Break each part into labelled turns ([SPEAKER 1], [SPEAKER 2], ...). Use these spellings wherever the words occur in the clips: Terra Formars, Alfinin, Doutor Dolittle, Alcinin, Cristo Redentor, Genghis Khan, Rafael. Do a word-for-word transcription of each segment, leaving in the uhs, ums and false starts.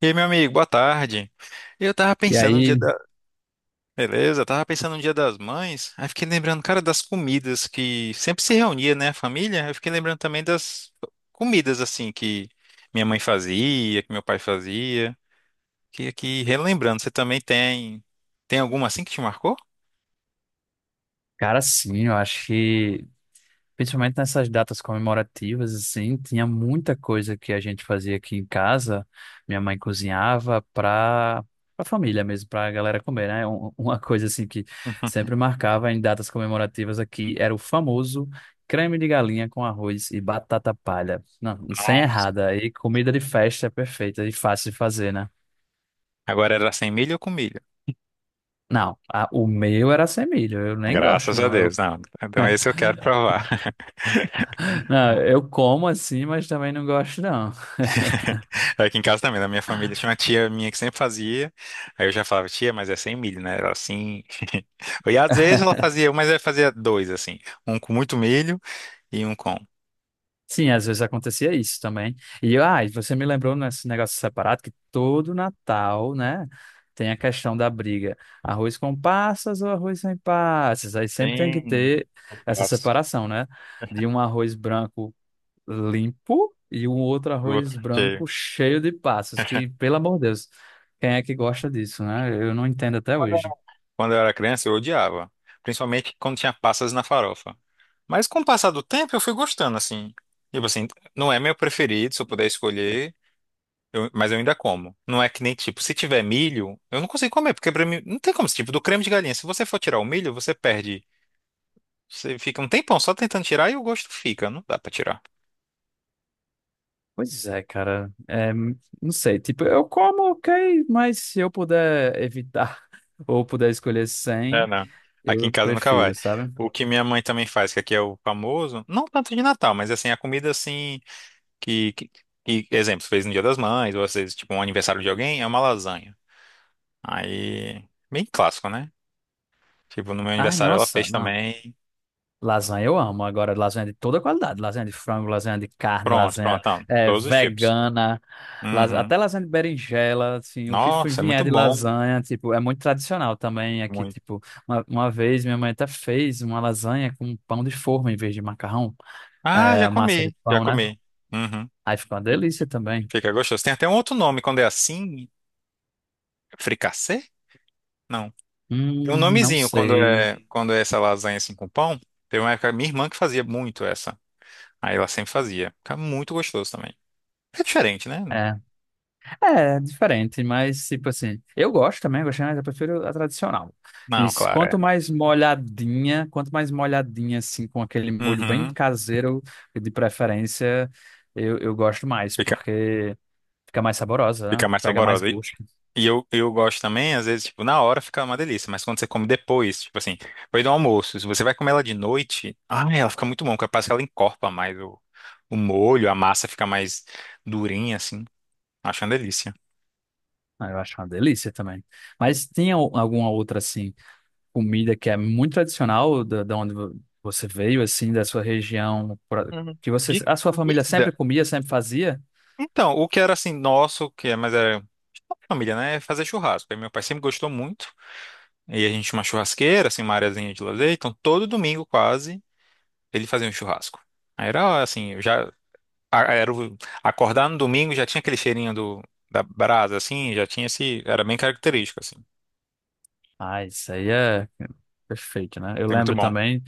[SPEAKER 1] E aí, meu amigo, boa tarde. Eu tava
[SPEAKER 2] E
[SPEAKER 1] pensando um dia
[SPEAKER 2] aí,
[SPEAKER 1] da... Beleza, eu tava pensando um dia das mães, aí fiquei lembrando, cara, das comidas que sempre se reunia, né, a família. Eu fiquei lembrando também das comidas, assim, que minha mãe fazia, que meu pai fazia. Que aqui, relembrando, você também tem... Tem alguma assim que te marcou?
[SPEAKER 2] cara, sim, eu acho que, principalmente nessas datas comemorativas, assim, tinha muita coisa que a gente fazia aqui em casa. Minha mãe cozinhava para a família mesmo, para a galera comer, né? Um- Uma coisa, assim, que sempre marcava em datas comemorativas aqui era o famoso creme de galinha com arroz e batata palha. Não, sem
[SPEAKER 1] Nossa.
[SPEAKER 2] errada. Aí comida de festa é perfeita e fácil de fazer, né?
[SPEAKER 1] Agora era sem milho ou com milho?
[SPEAKER 2] Não, a- o meu era sem milho, eu nem gosto,
[SPEAKER 1] Graças a
[SPEAKER 2] não.
[SPEAKER 1] Deus, não. Então esse eu quero provar.
[SPEAKER 2] Não, eu como assim, mas também não gosto, não.
[SPEAKER 1] Aqui em casa também, na minha família, tinha uma tia minha que sempre fazia. Aí eu já falava, tia, mas é sem milho, né? Ela assim. E às vezes ela fazia, mas ela fazia dois, assim. Um com muito milho e um com.
[SPEAKER 2] Sim, às vezes acontecia isso também. E, ah, e você me lembrou nesse negócio separado que todo Natal, né, tem a questão da briga. Arroz com passas ou arroz sem passas? Aí sempre tem que
[SPEAKER 1] Bem.
[SPEAKER 2] ter essa
[SPEAKER 1] Nossa,
[SPEAKER 2] separação, né? De um arroz branco limpo e um outro
[SPEAKER 1] o
[SPEAKER 2] arroz
[SPEAKER 1] outro
[SPEAKER 2] branco
[SPEAKER 1] cheio.
[SPEAKER 2] cheio de passas, que, pelo amor de Deus, quem é que gosta disso, né? Eu não entendo até
[SPEAKER 1] Quando eu era
[SPEAKER 2] hoje.
[SPEAKER 1] quando eu era criança, eu odiava. Principalmente quando tinha passas na farofa. Mas com o passar do tempo, eu fui gostando, assim. Tipo assim, não é meu preferido, se eu puder escolher. Eu- mas eu ainda como. Não é que nem tipo, se tiver milho, eu não consigo comer, porque pra mim não tem como, tipo, do creme de galinha. Se você for tirar o milho, você perde. Você fica um tempão só tentando tirar e o gosto fica. Não dá pra tirar.
[SPEAKER 2] Pois é, cara. É, não sei, tipo, eu como, ok, mas se eu puder evitar ou puder escolher
[SPEAKER 1] É,
[SPEAKER 2] sem,
[SPEAKER 1] não. Aqui em
[SPEAKER 2] eu
[SPEAKER 1] casa nunca vai.
[SPEAKER 2] prefiro, sabe?
[SPEAKER 1] O que minha mãe também faz, que aqui é o famoso, não tanto de Natal, mas assim, a comida assim, que, que, que, exemplo, fez no Dia das Mães, ou às vezes, tipo, um aniversário de alguém, é uma lasanha. Aí, bem clássico, né? Tipo, no meu
[SPEAKER 2] Ai,
[SPEAKER 1] aniversário ela
[SPEAKER 2] nossa,
[SPEAKER 1] fez
[SPEAKER 2] não.
[SPEAKER 1] também.
[SPEAKER 2] Lasanha eu amo. Agora, lasanha de toda qualidade. Lasanha de frango, lasanha de carne,
[SPEAKER 1] Pronto, pronto,
[SPEAKER 2] lasanha
[SPEAKER 1] então,
[SPEAKER 2] é,
[SPEAKER 1] todos os tipos.
[SPEAKER 2] vegana, las-
[SPEAKER 1] Uhum.
[SPEAKER 2] até lasanha de berinjela, assim, o que for-
[SPEAKER 1] Nossa, é
[SPEAKER 2] vier
[SPEAKER 1] muito
[SPEAKER 2] de
[SPEAKER 1] bom.
[SPEAKER 2] lasanha, tipo, é muito tradicional também aqui,
[SPEAKER 1] Muito.
[SPEAKER 2] tipo, uma, uma vez minha mãe até fez uma lasanha com pão de forma em vez de macarrão,
[SPEAKER 1] Ah, já
[SPEAKER 2] é, massa de
[SPEAKER 1] comi, já
[SPEAKER 2] pão, né?
[SPEAKER 1] comi. Uhum.
[SPEAKER 2] Aí fica uma delícia também.
[SPEAKER 1] Fica gostoso. Tem até um outro nome quando é assim, fricassê? Não. Tem
[SPEAKER 2] Hum,
[SPEAKER 1] um
[SPEAKER 2] não
[SPEAKER 1] nomezinho quando
[SPEAKER 2] sei.
[SPEAKER 1] é quando é essa lasanha assim com pão. Teve uma época minha irmã que fazia muito essa. Aí ela sempre fazia. Fica muito gostoso também. É diferente, né?
[SPEAKER 2] É, é diferente, mas tipo assim, eu gosto também, gostei, mas eu prefiro a tradicional. E
[SPEAKER 1] Não,
[SPEAKER 2] se-
[SPEAKER 1] claro,
[SPEAKER 2] quanto
[SPEAKER 1] é.
[SPEAKER 2] mais molhadinha, quanto mais molhadinha assim, com aquele molho bem
[SPEAKER 1] Uhum.
[SPEAKER 2] caseiro, de preferência, eu, eu gosto mais,
[SPEAKER 1] Fica,
[SPEAKER 2] porque fica mais saborosa, né?
[SPEAKER 1] fica mais
[SPEAKER 2] Pega mais
[SPEAKER 1] saborosa.
[SPEAKER 2] gosto.
[SPEAKER 1] E eu, eu gosto também, às vezes, tipo, na hora fica uma delícia, mas quando você come depois, tipo assim, depois do almoço, se você vai comer ela de noite, ai, ela fica muito bom, porque parece que ela encorpa mais o, o molho, a massa fica mais durinha, assim. Acho uma delícia.
[SPEAKER 2] Ah, eu acho uma delícia também. Mas tinha o- alguma outra assim? Comida que é muito tradicional da, da onde vo- você veio, assim, da sua região, pra-
[SPEAKER 1] Uhum.
[SPEAKER 2] que você,
[SPEAKER 1] De
[SPEAKER 2] a sua família
[SPEAKER 1] comida.
[SPEAKER 2] sempre comia, sempre fazia?
[SPEAKER 1] Então, o que era assim, nosso, que é, mas era família, né? É fazer churrasco. Aí meu pai sempre gostou muito. E a gente tinha uma churrasqueira, assim, uma areazinha de lazer. Então, todo domingo quase, ele fazia um churrasco. Aí era assim, já. a- era o- Acordar no domingo já tinha aquele cheirinho do, da brasa, assim, já tinha esse. Era bem característico, assim.
[SPEAKER 2] Ah, isso aí é perfeito, né? Eu
[SPEAKER 1] É muito
[SPEAKER 2] lembro
[SPEAKER 1] bom.
[SPEAKER 2] também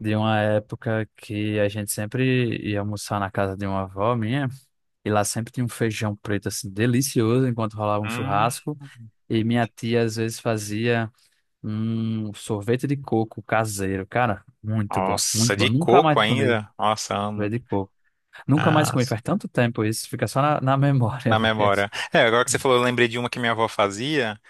[SPEAKER 2] de uma época que a gente sempre ia almoçar na casa de uma avó minha, e lá sempre tinha um feijão preto, assim, delicioso, enquanto rolava um
[SPEAKER 1] Hum,
[SPEAKER 2] churrasco, e minha tia às vezes fazia um sorvete de coco caseiro, cara, muito bom,
[SPEAKER 1] nossa,
[SPEAKER 2] muito bom,
[SPEAKER 1] de
[SPEAKER 2] nunca
[SPEAKER 1] coco
[SPEAKER 2] mais comi
[SPEAKER 1] ainda? Nossa,
[SPEAKER 2] sorvete
[SPEAKER 1] amo.
[SPEAKER 2] de coco. Nunca mais comi,
[SPEAKER 1] Nossa,
[SPEAKER 2] faz tanto tempo isso, fica só na, na memória
[SPEAKER 1] na memória.
[SPEAKER 2] mesmo.
[SPEAKER 1] É, agora que você falou, eu lembrei de uma que minha avó fazia,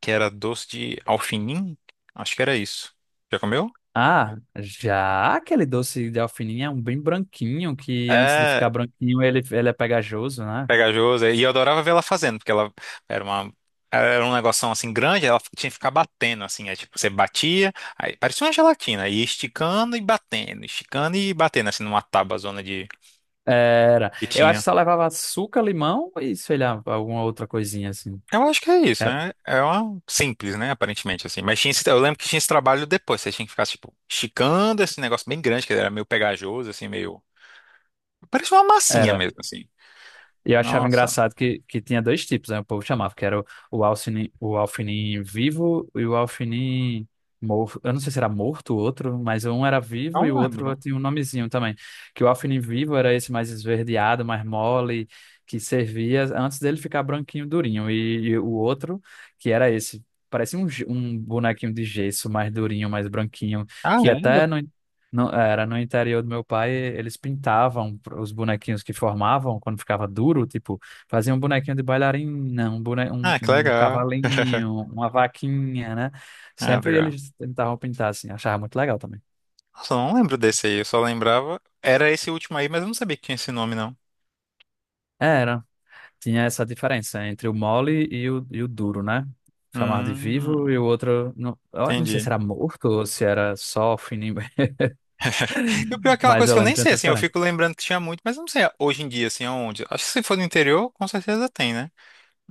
[SPEAKER 1] que era doce de alfinim. Acho que era isso. Já comeu?
[SPEAKER 2] Ah, já aquele doce de alfininha é um bem branquinho, que antes de
[SPEAKER 1] É,
[SPEAKER 2] ficar branquinho ele, ele é pegajoso, né?
[SPEAKER 1] pegajoso. E eu adorava ver ela fazendo, porque ela era uma. Ela era um negocinho assim grande, ela tinha que ficar batendo, assim. É tipo, você batia, aí parecia uma gelatina, e esticando e batendo, esticando e batendo, assim, numa tábua zona de
[SPEAKER 2] Era.
[SPEAKER 1] que
[SPEAKER 2] Eu acho
[SPEAKER 1] tinha.
[SPEAKER 2] que só levava açúcar, limão e, sei lá, alguma outra coisinha assim.
[SPEAKER 1] Eu acho que é isso,
[SPEAKER 2] Era.
[SPEAKER 1] né? É uma simples, né? Aparentemente, assim. Mas tinha esse- eu lembro que tinha esse trabalho depois, você tinha que ficar, tipo, esticando esse negócio bem grande, que era meio pegajoso, assim, meio. Parecia uma massinha
[SPEAKER 2] Era.
[SPEAKER 1] mesmo, assim.
[SPEAKER 2] E eu achava
[SPEAKER 1] Nossa,
[SPEAKER 2] engraçado que, que tinha dois tipos, né? O povo chamava, que era o, o Alcinin, o Alfinin vivo e o Alfinin morto. Eu não sei se era morto o outro, mas um era vivo e o
[SPEAKER 1] não
[SPEAKER 2] outro
[SPEAKER 1] lembro.
[SPEAKER 2] tinha um nomezinho também. Que o Alfinin vivo era esse mais esverdeado, mais mole, que servia antes dele ficar branquinho, durinho. E, e o outro, que era esse, parecia um, ge- um bonequinho de gesso, mais durinho, mais branquinho,
[SPEAKER 1] Ah,
[SPEAKER 2] que
[SPEAKER 1] é?
[SPEAKER 2] até no no- era no interior do meu pai, eles pintavam os bonequinhos que formavam quando ficava duro, tipo, faziam um bonequinho de bailarina, um, bone, um,
[SPEAKER 1] Ah, que
[SPEAKER 2] um
[SPEAKER 1] legal.
[SPEAKER 2] cavalinho, uma vaquinha, né?
[SPEAKER 1] Ah,
[SPEAKER 2] Sempre
[SPEAKER 1] legal.
[SPEAKER 2] eles tentavam pintar assim, achava muito legal também.
[SPEAKER 1] Nossa, eu não lembro desse aí, eu só lembrava. Era esse último aí, mas eu não sabia que tinha esse nome, não.
[SPEAKER 2] Era, tinha essa diferença entre o mole e o, e o duro, né? Chamava de
[SPEAKER 1] Hum,
[SPEAKER 2] vivo e o outro, não, eu não sei
[SPEAKER 1] entendi.
[SPEAKER 2] se era morto ou se era só fininho,
[SPEAKER 1] E o pior é que é uma
[SPEAKER 2] mas
[SPEAKER 1] coisa
[SPEAKER 2] eu
[SPEAKER 1] que eu
[SPEAKER 2] lembro que
[SPEAKER 1] nem
[SPEAKER 2] tinha
[SPEAKER 1] sei,
[SPEAKER 2] essa
[SPEAKER 1] assim, eu fico
[SPEAKER 2] diferença.
[SPEAKER 1] lembrando que tinha muito, mas eu não sei hoje em dia, assim, aonde. Acho que se for no interior, com certeza tem, né?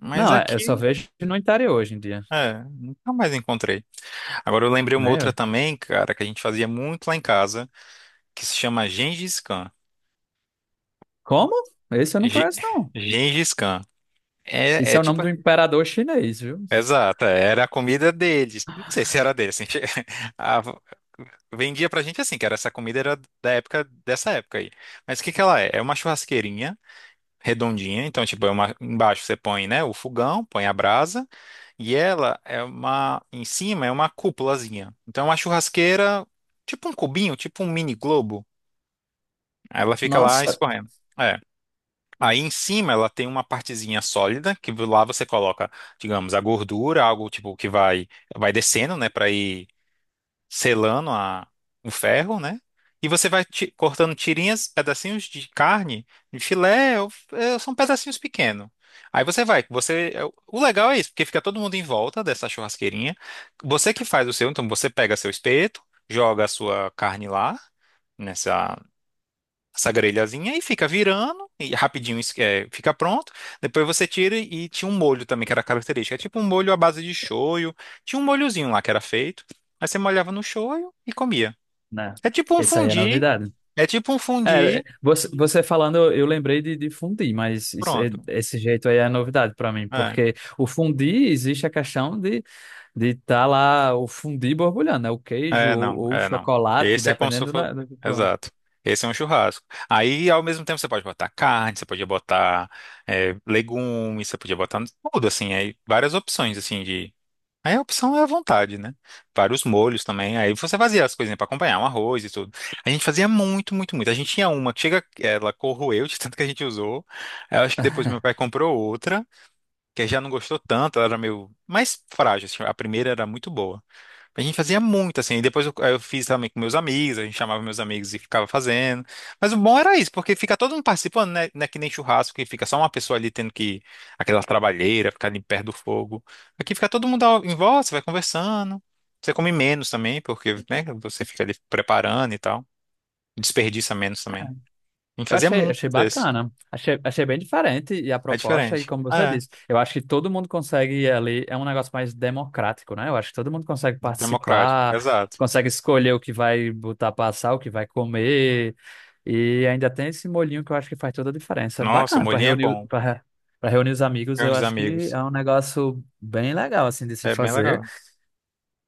[SPEAKER 1] Mas
[SPEAKER 2] Não, é, eu
[SPEAKER 1] aqui,
[SPEAKER 2] só vejo no interior hoje em dia,
[SPEAKER 1] é, nunca mais encontrei. Agora eu lembrei uma outra
[SPEAKER 2] né?
[SPEAKER 1] também, cara, que a gente fazia muito lá em casa, que se chama Gengis Khan.
[SPEAKER 2] Como? Esse eu não
[SPEAKER 1] Ge-
[SPEAKER 2] conheço, não.
[SPEAKER 1] Gengis Khan. É,
[SPEAKER 2] Esse
[SPEAKER 1] é
[SPEAKER 2] é o nome
[SPEAKER 1] tipo
[SPEAKER 2] do imperador chinês, viu?
[SPEAKER 1] Exato, é, era a comida deles. Não sei se era deles. Assim, a- vendia pra gente assim, que era essa comida era da época dessa época aí. Mas o que que ela é? É uma churrasqueirinha redondinha, então tipo, é uma embaixo você põe, né, o fogão, põe a brasa e ela é uma em cima é uma cúpulazinha. Então é uma churrasqueira, tipo um cubinho, tipo um mini globo. Aí ela fica lá
[SPEAKER 2] Nossa.
[SPEAKER 1] escorrendo. É. Aí em cima ela tem uma partezinha sólida que lá você coloca, digamos, a gordura, algo tipo que vai vai descendo, né, para ir selando a, o ferro, né? E você vai ti- cortando tirinhas, pedacinhos de carne, de filé, ou- eh, são pedacinhos pequenos. Aí você vai, você é, o legal é isso, porque fica todo mundo em volta dessa churrasqueirinha. Você que faz o seu, então você pega seu espeto, joga a sua carne lá nessa essa grelhazinha e fica virando e rapidinho isso, é, fica pronto. Depois você tira e tinha um molho também que era característico. É tipo um molho à base de shoyu. Tinha um molhozinho lá que era feito. Aí você molhava no shoyu e comia.
[SPEAKER 2] Né?
[SPEAKER 1] É tipo um
[SPEAKER 2] Essa aí é
[SPEAKER 1] fundi.
[SPEAKER 2] novidade.
[SPEAKER 1] É tipo um
[SPEAKER 2] É, é,
[SPEAKER 1] fundi.
[SPEAKER 2] você, você falando, eu eu lembrei de, de fundi, mas isso é-
[SPEAKER 1] Pronto.
[SPEAKER 2] esse jeito aí é novidade para mim,
[SPEAKER 1] É.
[SPEAKER 2] porque o fundi existe a questão de de tá lá o fundi borbulhando, né? O queijo
[SPEAKER 1] É,
[SPEAKER 2] ou,
[SPEAKER 1] não,
[SPEAKER 2] ou o
[SPEAKER 1] é, não.
[SPEAKER 2] chocolate,
[SPEAKER 1] Esse é como se
[SPEAKER 2] dependendo
[SPEAKER 1] fosse.
[SPEAKER 2] da, do que for.
[SPEAKER 1] Exato. Esse é um churrasco. Aí, ao mesmo tempo, você pode botar carne, você podia botar é, legumes, você podia botar tudo, assim, aí várias opções, assim, de. Aí a opção é à vontade, né? Vários molhos também. Aí você fazia as coisinhas pra acompanhar, um arroz e tudo. A gente fazia muito, muito, muito. A gente tinha uma que chega, ela corroeu de tanto que a gente usou. Eu acho que depois meu pai comprou outra, que já não gostou tanto, ela era meio mais frágil. Assim, a primeira era muito boa. A gente fazia muito, assim, e depois eu, eu fiz também com meus amigos, a gente chamava meus amigos e ficava fazendo. Mas o bom era isso, porque fica todo mundo participando, né? Não é que nem churrasco, que fica só uma pessoa ali tendo que, aquela trabalheira, ficar ali perto do fogo. Aqui fica todo mundo ao- em volta, você vai conversando. Você come menos também, porque, né, você fica ali preparando e tal. Desperdiça menos também. A gente
[SPEAKER 2] Eu
[SPEAKER 1] fazia
[SPEAKER 2] achei,
[SPEAKER 1] muito
[SPEAKER 2] achei
[SPEAKER 1] isso.
[SPEAKER 2] bacana. Achei, achei bem diferente e a
[SPEAKER 1] É
[SPEAKER 2] proposta, e
[SPEAKER 1] diferente.
[SPEAKER 2] como você
[SPEAKER 1] É,
[SPEAKER 2] disse, eu acho que todo mundo consegue ali, é um negócio mais democrático, né? Eu acho que todo mundo consegue
[SPEAKER 1] democrático,
[SPEAKER 2] participar,
[SPEAKER 1] exato.
[SPEAKER 2] consegue escolher o que vai botar pra assar, o que vai comer, e ainda tem esse molhinho que eu acho que faz toda a diferença.
[SPEAKER 1] Nossa, o
[SPEAKER 2] Bacana, para
[SPEAKER 1] molhinho é
[SPEAKER 2] reunir,
[SPEAKER 1] bom.
[SPEAKER 2] para para reunir os amigos,
[SPEAKER 1] Reúne
[SPEAKER 2] eu
[SPEAKER 1] os
[SPEAKER 2] acho que
[SPEAKER 1] amigos.
[SPEAKER 2] é um negócio bem legal, assim, de se
[SPEAKER 1] É bem
[SPEAKER 2] fazer.
[SPEAKER 1] legal.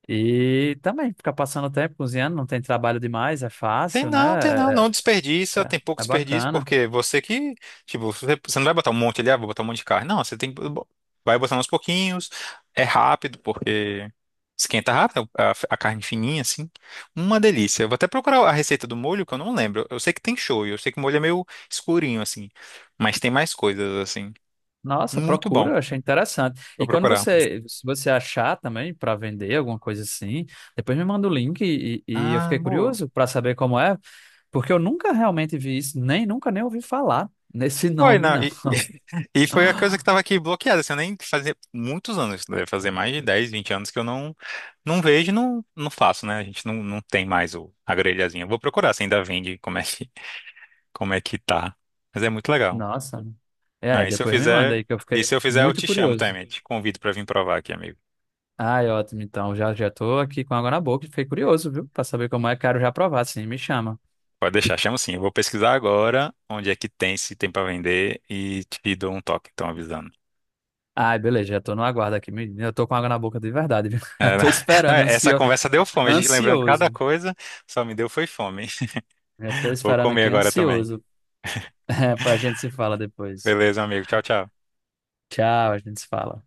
[SPEAKER 2] E também ficar passando o tempo cozinhando, não tem trabalho demais, é
[SPEAKER 1] Tem
[SPEAKER 2] fácil,
[SPEAKER 1] não, tem não,
[SPEAKER 2] né? É,
[SPEAKER 1] não desperdiça,
[SPEAKER 2] é
[SPEAKER 1] tem pouco
[SPEAKER 2] é
[SPEAKER 1] desperdício,
[SPEAKER 2] bacana.
[SPEAKER 1] porque você que, tipo, você, você não vai botar um monte ali, ah, vou botar um monte de carne. Não, você tem que, bo- vai botar uns pouquinhos, é rápido, porque esquenta rápido, a, a carne fininha, assim. Uma delícia. Eu vou até procurar a receita do molho, que eu não lembro. Eu sei que tem shoyu, eu sei que o molho é meio escurinho, assim, mas tem mais coisas, assim.
[SPEAKER 2] Nossa,
[SPEAKER 1] Muito bom,
[SPEAKER 2] procura, eu achei interessante.
[SPEAKER 1] vou
[SPEAKER 2] E quando
[SPEAKER 1] procurar.
[SPEAKER 2] você, se você achar também para vender alguma coisa assim, depois me manda o link e, e- e eu
[SPEAKER 1] Ah,
[SPEAKER 2] fiquei
[SPEAKER 1] boa.
[SPEAKER 2] curioso para saber como é, porque eu nunca realmente vi isso, nem nunca nem ouvi falar nesse
[SPEAKER 1] Foi,
[SPEAKER 2] nome,
[SPEAKER 1] não.
[SPEAKER 2] não.
[SPEAKER 1] E, e foi a coisa que estava aqui bloqueada. Assim, eu nem fazia muitos anos, deve fazer mais de dez vinte anos que eu não, não vejo e não, não faço, né? A gente não, não tem mais o, a grelhazinha. Eu vou procurar se ainda vende, como é que, como é que tá. Mas é muito legal.
[SPEAKER 2] Nossa. É, aí
[SPEAKER 1] Ah, e se eu
[SPEAKER 2] depois me manda
[SPEAKER 1] fizer,
[SPEAKER 2] aí que eu
[SPEAKER 1] e
[SPEAKER 2] fiquei
[SPEAKER 1] se eu fizer, eu
[SPEAKER 2] muito
[SPEAKER 1] te chamo
[SPEAKER 2] curioso.
[SPEAKER 1] também. Te convido para vir provar aqui, amigo.
[SPEAKER 2] Ai, ótimo, então já já tô aqui com água na boca e fiquei curioso, viu? Para saber como é, quero já provar, sim, me chama.
[SPEAKER 1] Pode deixar, chamo sim. Eu vou pesquisar agora onde é que tem, se tem para vender e te dou um toque, então avisando.
[SPEAKER 2] Ai, beleza, já tô no aguardo aqui, me- eu tô com água na boca de verdade, viu? Já
[SPEAKER 1] É,
[SPEAKER 2] tô
[SPEAKER 1] não,
[SPEAKER 2] esperando,
[SPEAKER 1] essa
[SPEAKER 2] ansio...
[SPEAKER 1] conversa deu fome, a gente lembrando cada
[SPEAKER 2] ansioso.
[SPEAKER 1] coisa, só me deu foi fome.
[SPEAKER 2] Já tô
[SPEAKER 1] Vou
[SPEAKER 2] esperando
[SPEAKER 1] comer
[SPEAKER 2] aqui,
[SPEAKER 1] agora também.
[SPEAKER 2] ansioso. A gente se fala depois.
[SPEAKER 1] Beleza, amigo. Tchau, tchau.
[SPEAKER 2] Tchau, a gente se fala.